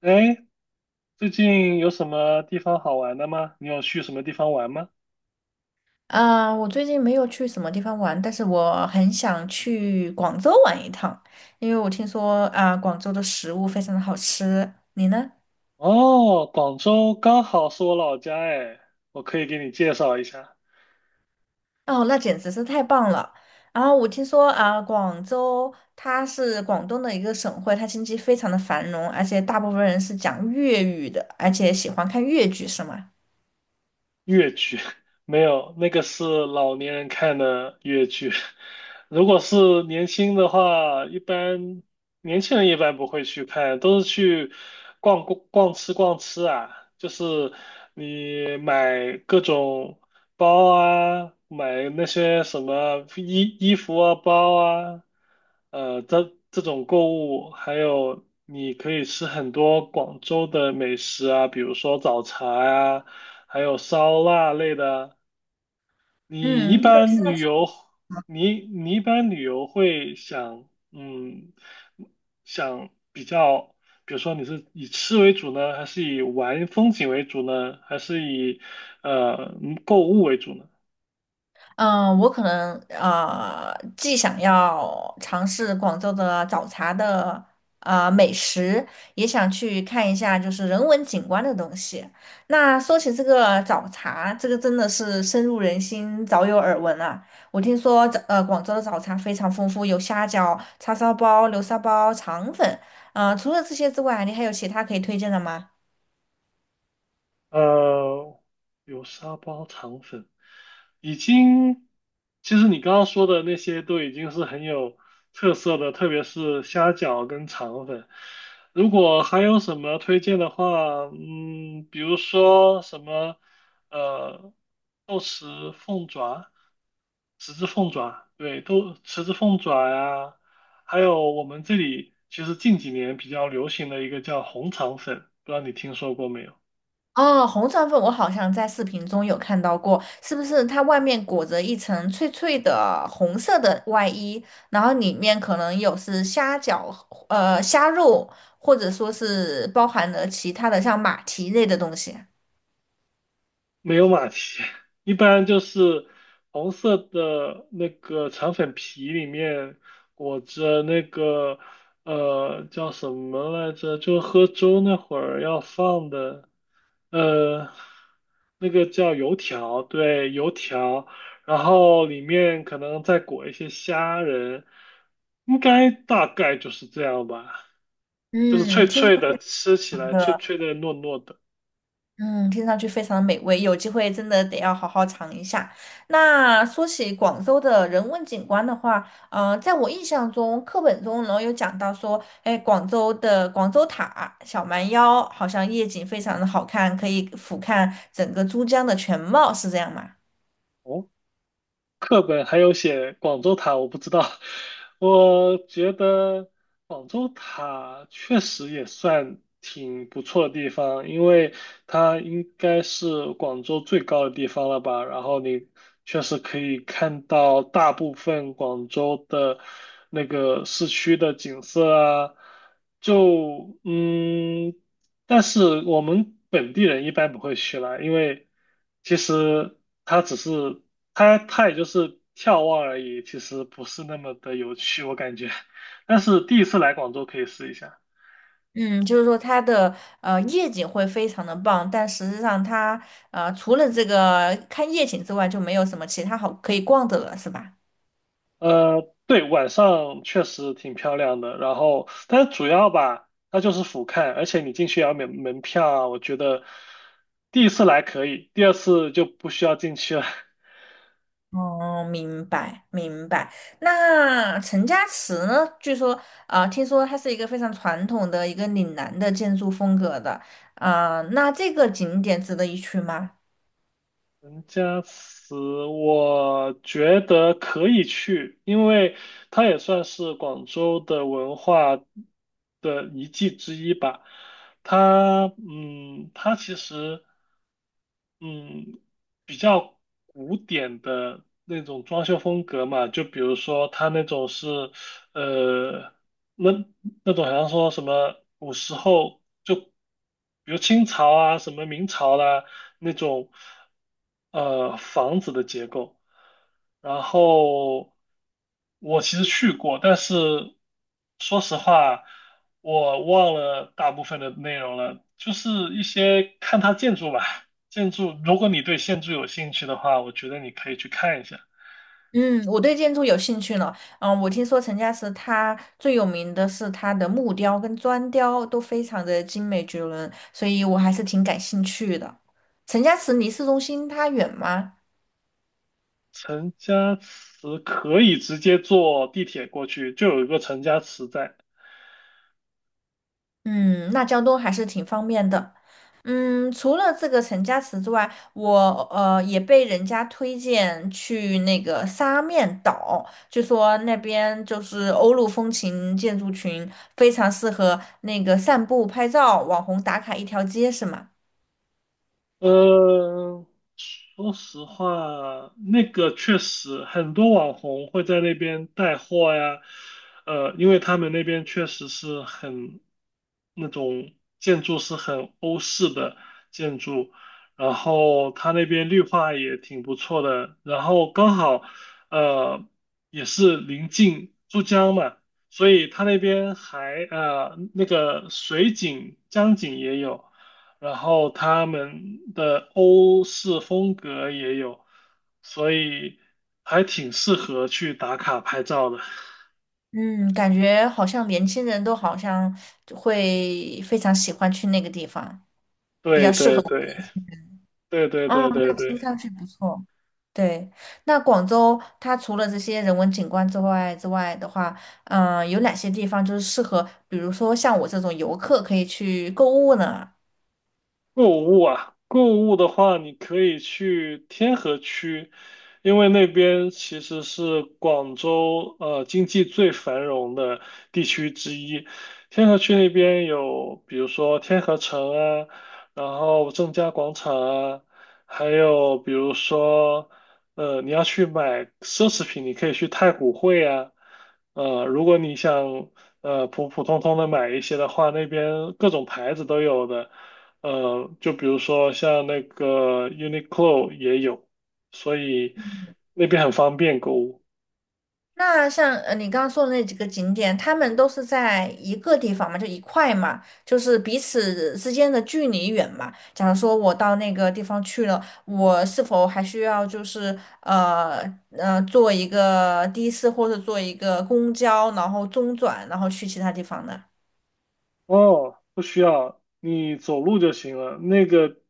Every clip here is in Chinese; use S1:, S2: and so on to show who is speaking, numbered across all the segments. S1: 哎，最近有什么地方好玩的吗？你有去什么地方玩吗？
S2: 啊，我最近没有去什么地方玩，但是我很想去广州玩一趟，因为我听说啊，广州的食物非常的好吃。你呢？
S1: 哦，广州刚好是我老家哎，我可以给你介绍一下。
S2: 哦，那简直是太棒了。然后我听说啊，广州它是广东的一个省会，它经济非常的繁荣，而且大部分人是讲粤语的，而且喜欢看粤剧，是吗？
S1: 粤剧。 没有，那个是老年人看的粤剧。如果是年轻的话，一般年轻人一般不会去看，都是去逛逛逛吃逛吃啊，就是你买各种包啊，买那些什么衣服啊、包啊，这种购物，还有你可以吃很多广州的美食啊，比如说早茶呀、还有烧腊类的。你一
S2: 嗯，
S1: 般旅游，你一般旅游会想，想比较，比如说你是以吃为主呢，还是以玩风景为主呢，还是以购物为主呢？
S2: 嗯，我可能既想要尝试广州的早茶的美食，也想去看一下就是人文景观的东西。那说起这个早茶，这个真的是深入人心，早有耳闻啊。我听说广州的早茶非常丰富，有虾饺、叉烧包、流沙包、肠粉。除了这些之外，你还有其他可以推荐的吗？
S1: 呃，有沙包肠粉已经，其实你刚刚说的那些都已经是很有特色的，特别是虾饺跟肠粉。如果还有什么推荐的话，比如说什么呃豆豉凤爪、豉汁凤爪，对，豆豉汁凤爪呀，还有我们这里其实近几年比较流行的一个叫红肠粉，不知道你听说过没有？
S2: 哦，红肠粉我好像在视频中有看到过，是不是它外面裹着一层脆脆的红色的外衣，然后里面可能有是虾饺、虾肉，或者说是包含了其他的像马蹄类的东西。
S1: 没有马蹄，一般就是红色的那个肠粉皮里面裹着那个叫什么来着？就喝粥那会儿要放的呃那个叫油条，对，油条，然后里面可能再裹一些虾仁，应该大概就是这样吧，就是
S2: 嗯，
S1: 脆
S2: 听上
S1: 脆
S2: 去
S1: 的，吃起来脆脆的糯糯的。
S2: 嗯，听上去非常美味，有机会真的得要好好尝一下。那说起广州的人文景观的话，呃，在我印象中，课本中呢有讲到说，哎，广州的广州塔、小蛮腰好像夜景非常的好看，可以俯瞰整个珠江的全貌，是这样吗？
S1: 哦，课本还有写广州塔，我不知道。我觉得广州塔确实也算挺不错的地方，因为它应该是广州最高的地方了吧。然后你确实可以看到大部分广州的那个市区的景色啊。就嗯，但是我们本地人一般不会去啦，因为其实它只是它也就是眺望而已，其实不是那么的有趣，我感觉。但是第一次来广州可以试一下。
S2: 嗯，就是说它的夜景会非常的棒，但实际上它除了这个看夜景之外，就没有什么其他好可以逛的了，是吧？
S1: 对，晚上确实挺漂亮的。然后，但是主要吧，它就是俯瞰，而且你进去也要免门票啊。我觉得第一次来可以，第二次就不需要进去了。
S2: 哦，明白明白。那陈家祠呢？据说听说它是一个非常传统的一个岭南的建筑风格的那这个景点值得一去吗？
S1: 陈家祠，我觉得可以去，因为它也算是广州的文化的遗迹之一吧。它其实，嗯，比较古典的那种装修风格嘛，就比如说它那种是，呃。那那种好像说什么古时候就，比如清朝啊，什么明朝啦、那种，房子的结构。然后我其实去过，但是说实话，我忘了大部分的内容了，就是一些看它建筑吧。建筑，如果你对建筑有兴趣的话，我觉得你可以去看一下。
S2: 嗯，我对建筑有兴趣呢。嗯、我听说陈家祠它最有名的是它的木雕跟砖雕都非常的精美绝伦，所以我还是挺感兴趣的。陈家祠离市中心它远吗？
S1: 陈家祠可以直接坐地铁过去，就有一个陈家祠在。
S2: 嗯，那交通还是挺方便的。嗯，除了这个陈家祠之外，我也被人家推荐去那个沙面岛，就说那边就是欧陆风情建筑群，非常适合那个散步、拍照、网红打卡一条街，是吗？
S1: 呃，说实话，那个确实很多网红会在那边带货呀，因为他们那边确实是很那种建筑是很欧式的建筑，然后他那边绿化也挺不错的，然后刚好呃也是临近珠江嘛，所以他那边还那个水景江景也有。然后他们的欧式风格也有，所以还挺适合去打卡拍照的。
S2: 嗯，感觉好像年轻人都好像会非常喜欢去那个地方，比较
S1: 对
S2: 适合
S1: 对
S2: 我。
S1: 对对对
S2: 哦，
S1: 对对
S2: 那听
S1: 对。
S2: 上去不错。对，那广州它除了这些人文景观之外之外的话，嗯、有哪些地方就是适合，比如说像我这种游客可以去购物呢？
S1: 购物啊，购物的话，你可以去天河区，因为那边其实是广州经济最繁荣的地区之一。天河区那边有，比如说天河城啊，然后正佳广场啊，还有比如说你要去买奢侈品，你可以去太古汇啊。如果你想普普通通的买一些的话，那边各种牌子都有的。就比如说像那个 Uniqlo 也有，所以那边很方便购物。
S2: 那像你刚刚说的那几个景点，他们都是在一个地方嘛，就一块嘛，就是彼此之间的距离远嘛。假如说我到那个地方去了，我是否还需要就是坐一个的士或者坐一个公交，然后中转，然后去其他地方呢？
S1: 哦，不需要，你走路就行了。那个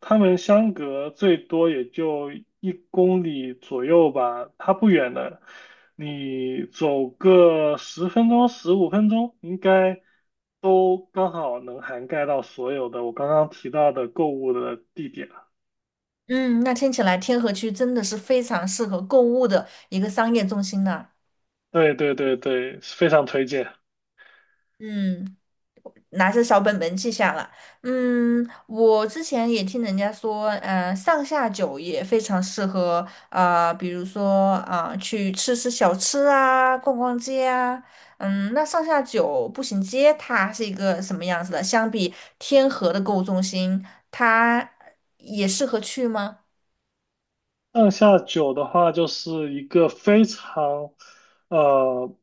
S1: 他们相隔最多也就一公里左右吧，它不远的，你走个十分钟、十五分钟，应该都刚好能涵盖到所有的我刚刚提到的购物的地点了。
S2: 嗯，那听起来天河区真的是非常适合购物的一个商业中心呢。
S1: 对对对对，非常推荐。
S2: 嗯，拿着小本本记下了。嗯，我之前也听人家说，呃，上下九也非常适合，呃，比如说去吃吃小吃啊，逛逛街啊。嗯，那上下九步行街它是一个什么样子的？相比天河的购物中心，它也适合去吗？
S1: 上下九的话，就是一个非常，呃，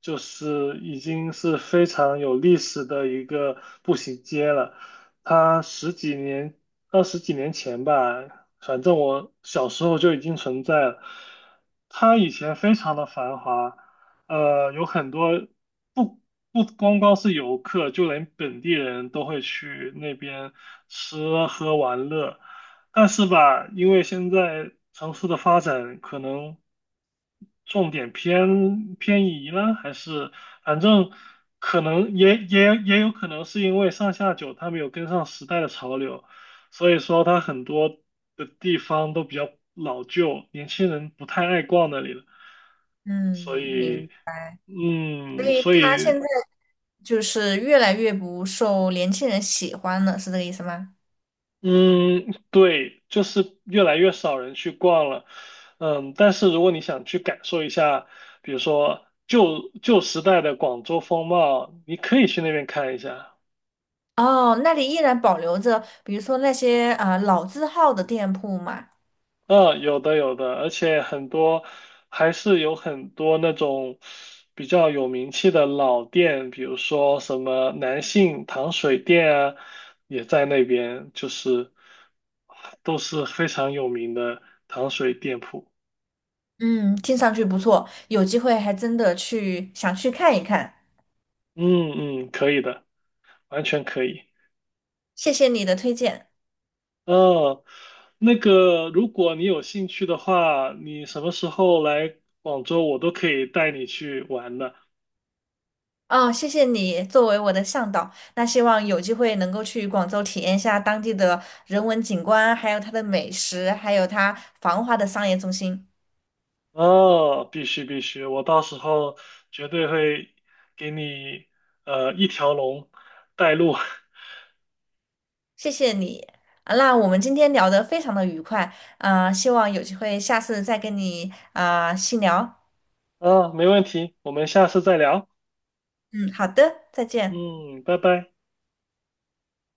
S1: 就是已经是非常有历史的一个步行街了。它十几年、二十几年前吧，反正我小时候就已经存在了。它以前非常的繁华，有很多不不光光是游客，就连本地人都会去那边吃喝玩乐。但是吧，因为现在城市的发展可能重点移了，还是反正可能也有可能是因为上下九它没有跟上时代的潮流，所以说它很多的地方都比较老旧，年轻人不太爱逛那里了。所
S2: 嗯，
S1: 以，
S2: 明。所以
S1: 所
S2: 它现
S1: 以
S2: 在。就是越来越不受年轻人喜欢了，是这个意思吗？
S1: 嗯，对，就是越来越少人去逛了。嗯，但是如果你想去感受一下，比如说旧时代的广州风貌，你可以去那边看一下。
S2: 哦，那里依然保留着，比如说那些老字号的店铺嘛。
S1: 嗯，有的有的，而且很多还是有很多那种比较有名气的老店，比如说什么南信糖水店啊，也在那边，就是都是非常有名的糖水店铺。
S2: 嗯，听上去不错，有机会还真的去想去看一看。
S1: 嗯嗯，可以的。完全可以。
S2: 谢谢你的推荐。
S1: 哦，那个，如果你有兴趣的话，你什么时候来广州，我都可以带你去玩的。
S2: 哦，谢谢你作为我的向导。那希望有机会能够去广州体验一下当地的人文景观，还有它的美食，还有它繁华的商业中心。
S1: 哦，必须必须，我到时候绝对会给你一条龙带路。
S2: 谢谢你。啊，那我们今天聊得非常的愉快，啊、希望有机会下次再跟你啊、细聊。
S1: 啊，没问题，我们下次再聊。
S2: 嗯，好的，再见。
S1: 嗯，拜拜。